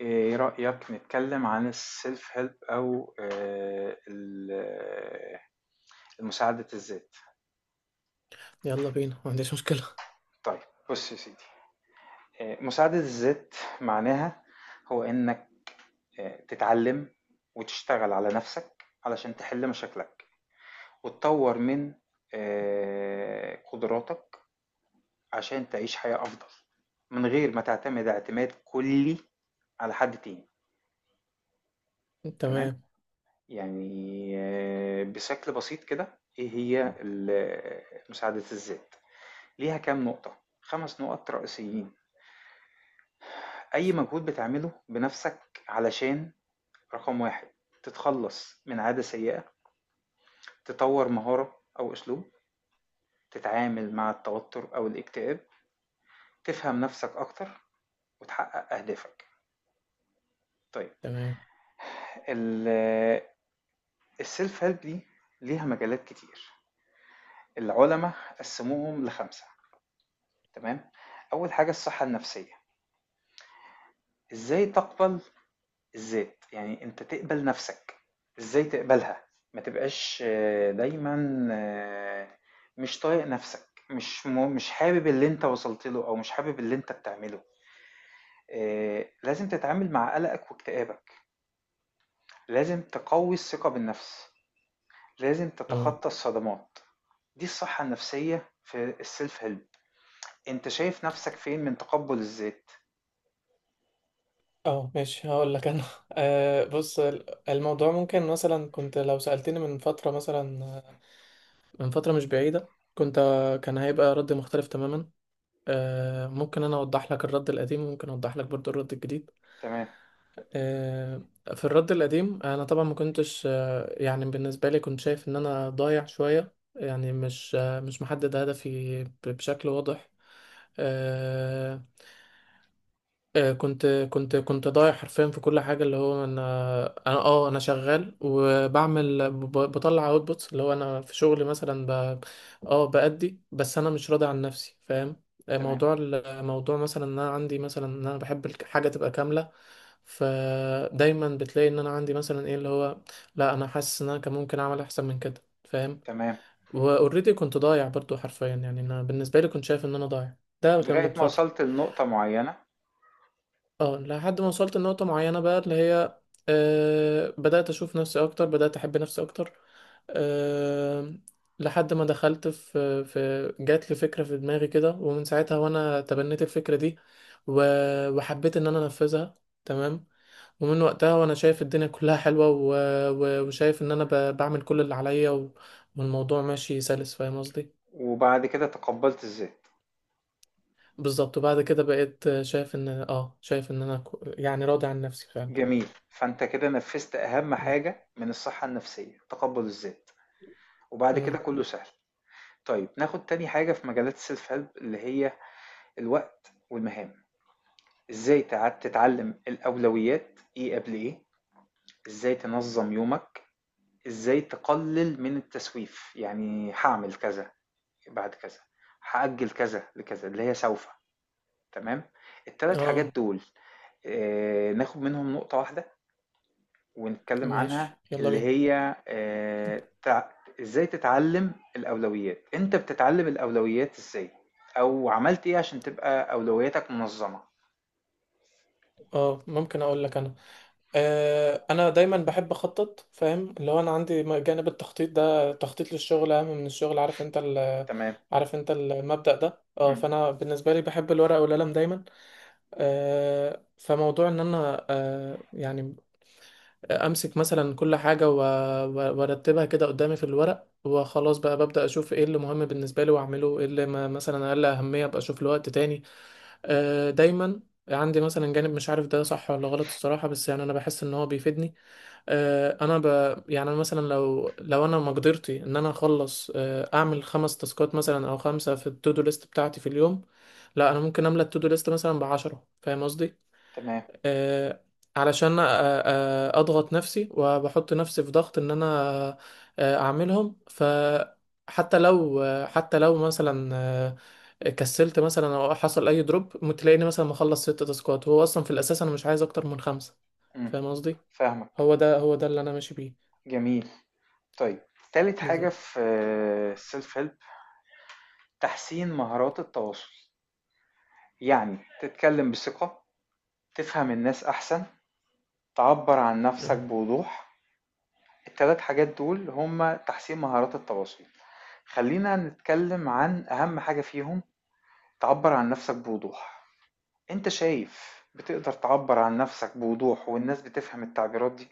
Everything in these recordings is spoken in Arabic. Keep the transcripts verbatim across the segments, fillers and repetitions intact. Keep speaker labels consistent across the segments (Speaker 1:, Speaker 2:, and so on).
Speaker 1: إيه رأيك نتكلم عن السيلف هيلب أو آه، ال- المساعدة الذات.
Speaker 2: يلا بينا، ما عنديش مشكلة.
Speaker 1: طيب، بص يا سيدي. آه، مساعدة الذات معناها هو إنك آه، تتعلم وتشتغل على نفسك علشان تحل مشاكلك وتطور من آه، قدراتك عشان تعيش حياة أفضل من غير ما تعتمد اعتماد كلي على حد تاني. تمام.
Speaker 2: تمام.
Speaker 1: يعني آه، بشكل بسيط كده ايه هي ال- مساعدة الذات؟ ليها كام نقطة، خمس نقط رئيسيين. اي مجهود بتعمله بنفسك علشان: رقم واحد، تتخلص من عادة سيئة، تطور مهارة او اسلوب، تتعامل مع التوتر او الاكتئاب، تفهم نفسك اكتر، وتحقق اهدافك. طيب،
Speaker 2: تمام.
Speaker 1: ال- السيلف هيلب دي ليها مجالات كتير. العلماء قسموهم لخمسة. تمام. اول حاجة الصحة النفسية. إزاي تقبل الذات؟ يعني أنت تقبل نفسك، إزاي تقبلها؟ ما تبقاش آه، دايمًا آه، مش طايق نفسك، مش م- مش حابب اللي أنت وصلت له أو مش حابب اللي أنت بتعمله. آه، لازم تتعامل مع قلقك واكتئابك، لازم تقوي الثقة بالنفس، لازم
Speaker 2: اه،
Speaker 1: تتخطى الصدمات. دي الصحة النفسية في السيلف هيلب. أنت شايف نفسك فين من تقبل الذات؟
Speaker 2: اه، ماشي، هقول لك انا. آه بص، ال- الموضوع ممكن مثلا، كنت لو سألتني من فترة مثلا، آه، من فترة مش بعيدة كنت، آه، كان هيبقى رد مختلف تماما. آه ممكن انا اوضح لك الرد القديم، وممكن اوضح لك برضو الرد الجديد.
Speaker 1: تمام،
Speaker 2: آه في الرد القديم، انا طبعا ما كنتش، آه يعني بالنسبة لي كنت شايف ان انا ضايع شوية، يعني مش، آه مش محدد هدفي ب- بشكل واضح. آه آه، كنت كنت كنت ضايع حرفيا في كل حاجه، اللي هو انا، انا اه انا شغال وبعمل، ب- بطلع اوتبوتس، اللي هو انا في شغلي مثلا ب... اه بأدي، بس انا مش راضي عن نفسي، فاهم؟ آه،
Speaker 1: تمام،
Speaker 2: موضوع، ال- موضوع مثلا ان انا عندي مثلا، ان انا بحب الحاجه تبقى كامله، فدايما بتلاقي ان انا عندي مثلا ايه اللي هو، لا انا حاسس ان انا كان ممكن اعمل احسن من كده، فاهم؟
Speaker 1: تمام.
Speaker 2: واوريدي كنت ضايع برضو حرفيا، يعني انا بالنسبه لي كنت شايف ان انا ضايع. ده كان من
Speaker 1: لغاية ما
Speaker 2: فتره.
Speaker 1: وصلت لنقطة معينة
Speaker 2: اه، لحد ما وصلت لنقطة معينة، بقى اللي هي، آه بدأت أشوف نفسي أكتر، بدأت أحب نفسي أكتر. آه لحد ما، دخلت في في جات لي فكرة في دماغي كده، ومن ساعتها وأنا تبنيت الفكرة دي، و- وحبيت إن أنا أنفذها. تمام. ومن وقتها وأنا شايف الدنيا كلها حلوة، و- و- وشايف إن أنا ب- بعمل كل اللي عليا، و- والموضوع ماشي سلس، فاهم قصدي؟
Speaker 1: وبعد كده تقبلت الذات.
Speaker 2: بالظبط. وبعد كده بقيت شايف إن، اه شايف إن أنا كو- يعني راضي عن نفسي فعلا.
Speaker 1: جميل، فانت كده نفذت اهم
Speaker 2: تمام.
Speaker 1: حاجة من الصحة النفسية، تقبل الذات. وبعد
Speaker 2: اه،
Speaker 1: كده كله سهل. طيب، ناخد تاني حاجة في مجالات السيلف هيلب اللي هي الوقت والمهام. ازاي تع- تتعلم الاولويات، ايه قبل ايه، ازاي تنظم يومك، ازاي تقلل من التسويف، يعني هعمل كذا بعد كذا، هأجل كذا لكذا اللي هي سوف. تمام. التلات حاجات
Speaker 2: اه،
Speaker 1: دول، آه، ناخد منهم نقطة واحدة ونتكلم عنها
Speaker 2: ماشي، يلا
Speaker 1: اللي
Speaker 2: بينا.
Speaker 1: هي آه، تع- ازاي تتعلم الأولويات. انت بتتعلم الأولويات ازاي او عملت ايه عشان تبقى أولوياتك منظمة؟
Speaker 2: اه، ممكن اقول لك انا، آه انا دايما بحب اخطط، فاهم؟ اللي هو انا عندي، م- جانب التخطيط ده، تخطيط للشغل اهم من الشغل. عارف انت ال
Speaker 1: تمام.
Speaker 2: عارف انت المبدأ ده، اه.
Speaker 1: مم.
Speaker 2: فانا بالنسبه لي بحب الورقه والقلم دايما. آه فموضوع ان انا، آه يعني امسك مثلا كل حاجه، و- و- وارتبها كده قدامي في الورق، وخلاص بقى ببدا اشوف ايه اللي مهم بالنسبه لي واعمله، ايه اللي ما مثلا اقل اهميه ابقى اشوف له وقت تاني. آه، دايما عندي مثلا جانب، مش عارف ده صح ولا غلط الصراحه، بس يعني انا بحس ان هو بيفيدني. آه، انا ب... يعني أنا مثلا، لو لو انا مقدرتي ان انا اخلص، آه، اعمل خمس تاسكات مثلا او خمسه في التودو ليست بتاعتي في اليوم. لا انا ممكن املى التودو ليست مثلا بعشرة، فاهم قصدي؟
Speaker 1: تمام.
Speaker 2: آه، علشان آه، آه، اضغط نفسي وبحط نفسي في ضغط ان انا، آه، اعملهم. فحتى لو، آه، حتى لو مثلا، آه، كسلت مثلا او حصل اي دروب، تلاقيني مثلا مخلص ست تاسكات، هو اصلا في الاساس انا مش عايز اكتر من خمسة،
Speaker 1: مم.
Speaker 2: فاهم قصدي؟
Speaker 1: فاهمك.
Speaker 2: هو ده، هو ده اللي انا ماشي بيه.
Speaker 1: جميل. طيب، تالت حاجة
Speaker 2: بالظبط.
Speaker 1: في السيلف هيلب، تحسين مهارات التواصل. يعني تتكلم بثقة، تفهم الناس أحسن، تعبر عن نفسك
Speaker 2: أهو.
Speaker 1: بوضوح. التلات حاجات دول هما تحسين مهارات التواصل. خلينا نتكلم عن أهم حاجة فيهم، تعبر عن نفسك بوضوح. أنت شايف بتقدر تعبر عن نفسك بوضوح والناس بتفهم التعبيرات دي؟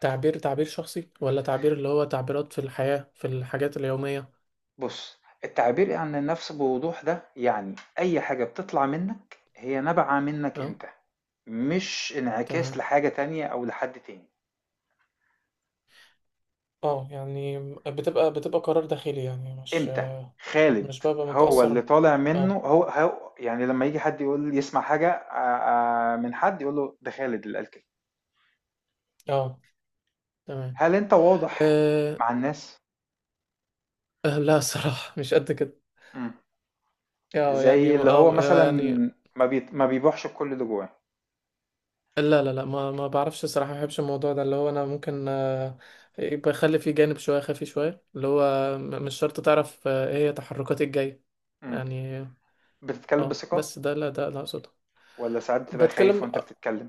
Speaker 2: تعبير تعبير شخصي، ولا تعبير اللي هو تعبيرات في الحياة، في الحاجات اليومية؟
Speaker 1: بص، التعبير عن النفس بوضوح ده يعني أي حاجة بتطلع منك هي نابعة منك
Speaker 2: اه،
Speaker 1: أنت، مش انعكاس
Speaker 2: تمام.
Speaker 1: لحاجة تانية أو لحد تاني.
Speaker 2: اه، يعني بتبقى بتبقى قرار داخلي، يعني مش،
Speaker 1: أنت خالد،
Speaker 2: مش ببقى
Speaker 1: هو اللي
Speaker 2: متأثر.
Speaker 1: طالع منه
Speaker 2: اه،
Speaker 1: هو, هو يعني لما يجي حد يقول يسمع حاجة آه، آه، من حد يقول له ده خالد اللي قال كده.
Speaker 2: اه، تمام.
Speaker 1: هل أنت واضح
Speaker 2: أه.
Speaker 1: مع الناس؟
Speaker 2: آه، لا صراحة، مش قد كده.
Speaker 1: مم.
Speaker 2: اه، يعني،
Speaker 1: زي اللي هو
Speaker 2: أو
Speaker 1: مثلا
Speaker 2: يعني،
Speaker 1: ما بيت... ما بيبوحش الكل اللي جواه.
Speaker 2: لا، لا، لا، ما ما بعرفش صراحة، ما بحبش الموضوع ده، اللي هو انا ممكن، آه، يبقى يخلي فيه جانب شوية خفي، شوية اللي هو، م- مش شرط تعرف، آه، ايه هي تحركاتي الجاية،
Speaker 1: مم.
Speaker 2: يعني.
Speaker 1: بتتكلم
Speaker 2: اه
Speaker 1: بثقة
Speaker 2: بس ده لا، ده لا اقصده.
Speaker 1: ولا ساعات بتبقى خايف
Speaker 2: بتكلم،
Speaker 1: وانت بتتكلم؟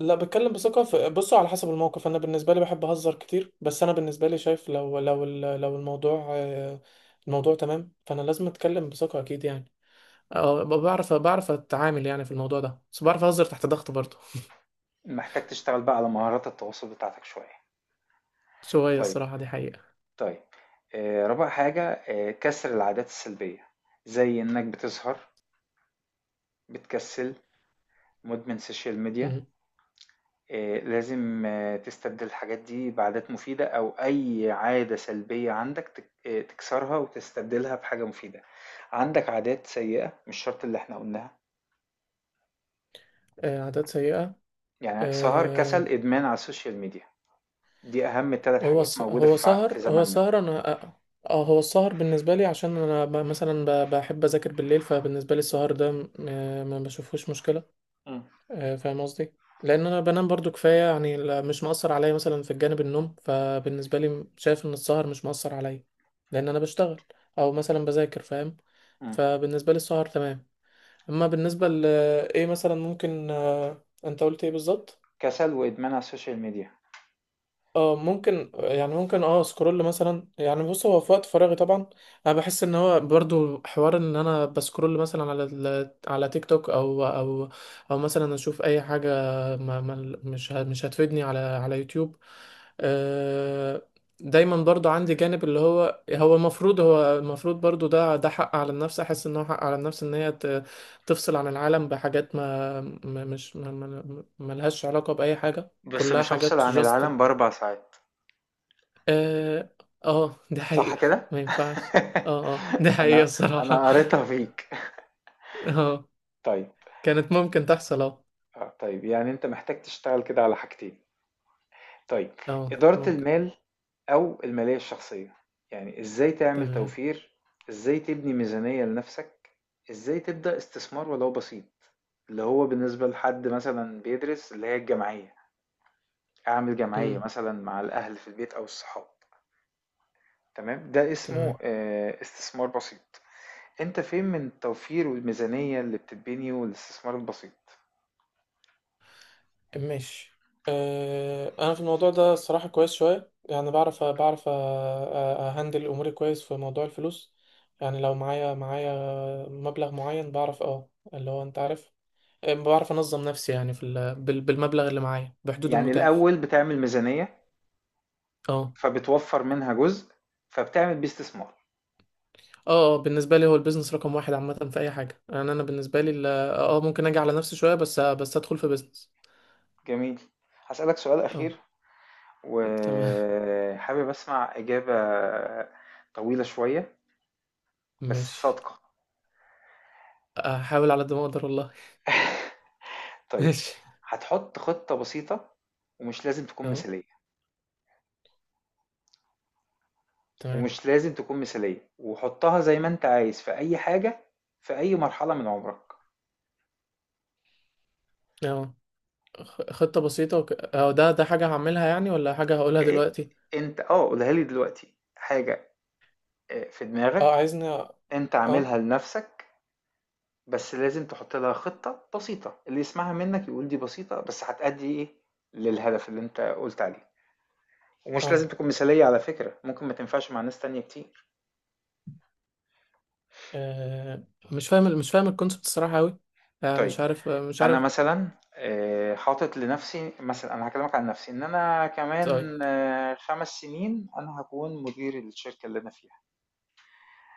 Speaker 2: لا، بتكلم بثقة. في- بصوا على حسب الموقف، أنا بالنسبة لي بحب أهزر كتير، بس أنا بالنسبة لي شايف، لو لو ال- لو الموضوع، آه، الموضوع تمام، فأنا لازم أتكلم بثقة، أكيد يعني. أه، ب- بعرف بعرف أتعامل يعني في الموضوع ده، بس بعرف أهزر تحت ضغط برضه.
Speaker 1: محتاج تشتغل بقى على مهارات التواصل بتاعتك شوية.
Speaker 2: شوية،
Speaker 1: طيب.
Speaker 2: الصراحة دي حقيقة.
Speaker 1: طيب. آه رابع حاجة آه كسر العادات السلبية، زي انك بتسهر، بتكسل، مدمن سوشيال ميديا.
Speaker 2: مم.
Speaker 1: آه لازم آه تستبدل الحاجات دي بعادات مفيدة، او اي عادة سلبية عندك تك... آه تكسرها وتستبدلها بحاجة مفيدة. عندك عادات سيئة مش شرط اللي احنا قلناها؟
Speaker 2: آه، عادات سيئة.
Speaker 1: يعني سهر،
Speaker 2: آه،
Speaker 1: كسل، ادمان على السوشيال ميديا، دي اهم ثلاث
Speaker 2: هو
Speaker 1: حاجات
Speaker 2: الس-
Speaker 1: موجوده
Speaker 2: هو
Speaker 1: في ع- في
Speaker 2: سهر، هو
Speaker 1: زماننا.
Speaker 2: سهر أنا، أه آه، هو السهر بالنسبة لي عشان أنا، ب- مثلا ب- بحب أذاكر بالليل، فبالنسبة لي السهر ده، م- آه، ما بشوفهوش مشكلة.
Speaker 1: مم.
Speaker 2: آه، فاهم قصدي؟ لان انا بنام برضو كفايه، يعني، لا- مش مأثر عليا مثلا في الجانب النوم، فبالنسبه لي، م- شايف ان السهر مش مأثر عليا، لان انا بشتغل او مثلا بذاكر، فاهم؟
Speaker 1: مم.
Speaker 2: فبالنسبه لي السهر تمام. اما بالنسبه ل، ايه مثلا ممكن، آه، انت قلت ايه بالظبط؟
Speaker 1: كسل وادمان على السوشيال ميديا.
Speaker 2: اه ممكن، يعني ممكن، اه، سكرول مثلا. يعني بص، هو في وقت فراغي طبعا، انا بحس ان هو برضو حوار، ان انا بسكرول مثلا على ال- على تيك توك، او او او مثلا اشوف اي حاجه، ما ما مش ه- مش هتفيدني، على على يوتيوب. آه، دايما برضو عندي جانب اللي هو، هو المفروض هو المفروض برضو ده، ده حق على النفس، احس ان هو حق على النفس ان هي، ت- تفصل عن العالم بحاجات، ما ما- مش ما ما- ما لهاش علاقه باي حاجه،
Speaker 1: بس
Speaker 2: كلها
Speaker 1: مش هفصل
Speaker 2: حاجات
Speaker 1: عن
Speaker 2: جاست.
Speaker 1: العالم باربع ساعات،
Speaker 2: اه، آه، ده
Speaker 1: صح
Speaker 2: حقيقة.
Speaker 1: كده؟
Speaker 2: ما ينفعش. اه، اه، ده حقيقة
Speaker 1: انا
Speaker 2: الصراحة.
Speaker 1: انا قريتها فيك.
Speaker 2: اه.
Speaker 1: طيب،
Speaker 2: كانت ممكن تحصل، اه.
Speaker 1: آه، طيب، يعني انت محتاج تشتغل كده على حاجتين. طيب،
Speaker 2: اه،
Speaker 1: إدارة
Speaker 2: ممكن.
Speaker 1: المال أو المالية الشخصية. يعني إزاي تعمل
Speaker 2: تمام.
Speaker 1: توفير، إزاي تبني ميزانية لنفسك، إزاي تبدأ استثمار ولو بسيط اللي هو بالنسبة لحد مثلا بيدرس اللي هي الجمعية. أعمل جمعية
Speaker 2: امم.
Speaker 1: مثلا مع الأهل في البيت أو الصحاب. تمام، ده اسمه
Speaker 2: تمام.
Speaker 1: آه، استثمار بسيط. أنت فين من التوفير والميزانية اللي بتتبني والاستثمار البسيط؟
Speaker 2: ماشي. آه، انا في الموضوع ده الصراحة كويس شوية، يعني بعرف بعرف أ- أ- اهندل اموري كويس في موضوع الفلوس. يعني لو معايا، معايا مبلغ معين، بعرف، اه، اللي هو انت عارف، آه، بعرف انظم نفسي يعني في ال- بال- بالمبلغ اللي معايا، بحدود
Speaker 1: يعني
Speaker 2: المتاح.
Speaker 1: الأول بتعمل ميزانية،
Speaker 2: اه.
Speaker 1: فبتوفر منها جزء، فبتعمل بيه استثمار.
Speaker 2: اه، بالنسبه لي هو البيزنس رقم واحد عامه في اي حاجه، يعني انا بالنسبه لي، ال- اه آه، ممكن اجي على نفسي شويه، بس بس ادخل في بيزنس.
Speaker 1: جميل. هاسألك سؤال
Speaker 2: اه.
Speaker 1: أخير،
Speaker 2: تمام.
Speaker 1: وحابب أسمع إجابة طويلة شوية بس
Speaker 2: ماشي.
Speaker 1: صادقة.
Speaker 2: احاول على قد ما اقدر والله.
Speaker 1: طيب،
Speaker 2: ماشي.
Speaker 1: هتحط خطة بسيطة، ومش لازم تكون
Speaker 2: اه،
Speaker 1: مثالية
Speaker 2: تمام.
Speaker 1: ومش لازم تكون مثالية وحطها زي ما أنت عايز في أي حاجة في أي مرحلة من عمرك.
Speaker 2: اه، خ- خطه بسيطه، وك... اه ده، ده حاجه هعملها يعني، ولا حاجه هقولها
Speaker 1: إيه،
Speaker 2: دلوقتي؟
Speaker 1: أنت آه قولها لي دلوقتي حاجة آه، في
Speaker 2: اه،
Speaker 1: دماغك.
Speaker 2: عايزني؟ اه،
Speaker 1: أنت
Speaker 2: اه،
Speaker 1: عاملها لنفسك، بس لازم تحط لها خطة بسيطة اللي يسمعها منك يقول دي بسيطة بس هتأدي إيه للهدف اللي أنت قلت عليه. ومش
Speaker 2: اه
Speaker 1: لازم تكون مثالية على فكرة، ممكن ما تنفعش مع ناس تانية كتير.
Speaker 2: مش فاهم، ال- مش فاهم الكونسبت الصراحه قوي. آه
Speaker 1: طيب،
Speaker 2: مش عارف، آه مش
Speaker 1: أنا
Speaker 2: عارف.
Speaker 1: مثلا آه، حاطط لنفسي، مثلا أنا هكلمك عن نفسي، إن أنا
Speaker 2: طيب.
Speaker 1: كمان آه، خمس سنين أنا هكون مدير الشركة اللي أنا فيها.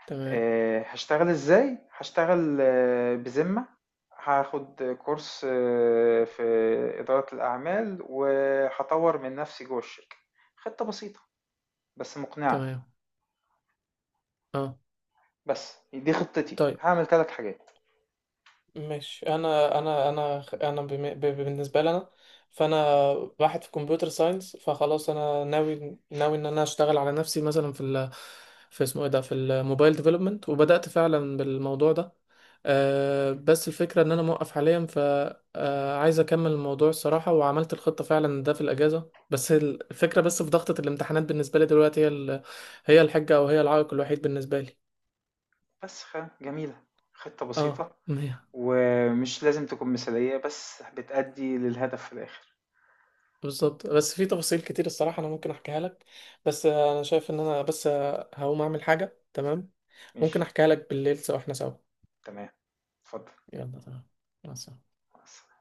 Speaker 2: تمام.
Speaker 1: آه، هشتغل إزاي؟ هشتغل آه، بذمة، هاخد كورس آه، في إدارة الأعمال وهطور من نفسي جوه الشركة. خطة بسيطة بس مقنعة.
Speaker 2: تمام. اه.
Speaker 1: بس دي خطتي،
Speaker 2: طيب،
Speaker 1: هعمل ثلاث حاجات.
Speaker 2: مش انا انا انا انا، بم- ب- بالنسبه لي انا، فانا واحد في كمبيوتر ساينس، فخلاص انا ناوي، ناوي ان انا اشتغل على نفسي مثلا في ال، في اسمه ايه ده، في الموبايل ديفلوبمنت، وبدات فعلا بالموضوع ده. أه، بس الفكره ان انا موقف حاليا، ف، آه، عايز اكمل الموضوع الصراحه. وعملت الخطه فعلا ده في الاجازه، بس الفكره، بس في ضغطه الامتحانات، بالنسبه لي دلوقتي، هي ال- هي الحجه، او هي العائق الوحيد بالنسبه لي.
Speaker 1: بس خ- جميلة. خطة
Speaker 2: اه،
Speaker 1: بسيطة
Speaker 2: مية.
Speaker 1: ومش لازم تكون مثالية بس بتأدي للهدف في الآخر.
Speaker 2: بالظبط. بس في تفاصيل كتير الصراحة، أنا ممكن أحكيها لك، بس آه، أنا شايف إن أنا بس، آه، هقوم أعمل حاجة تمام. ممكن
Speaker 1: ماشي.
Speaker 2: أحكيها لك بالليل، سوا، إحنا سوا.
Speaker 1: تمام. اتفضل.
Speaker 2: يلا، تمام. مع السلامة.
Speaker 1: مع السلامة.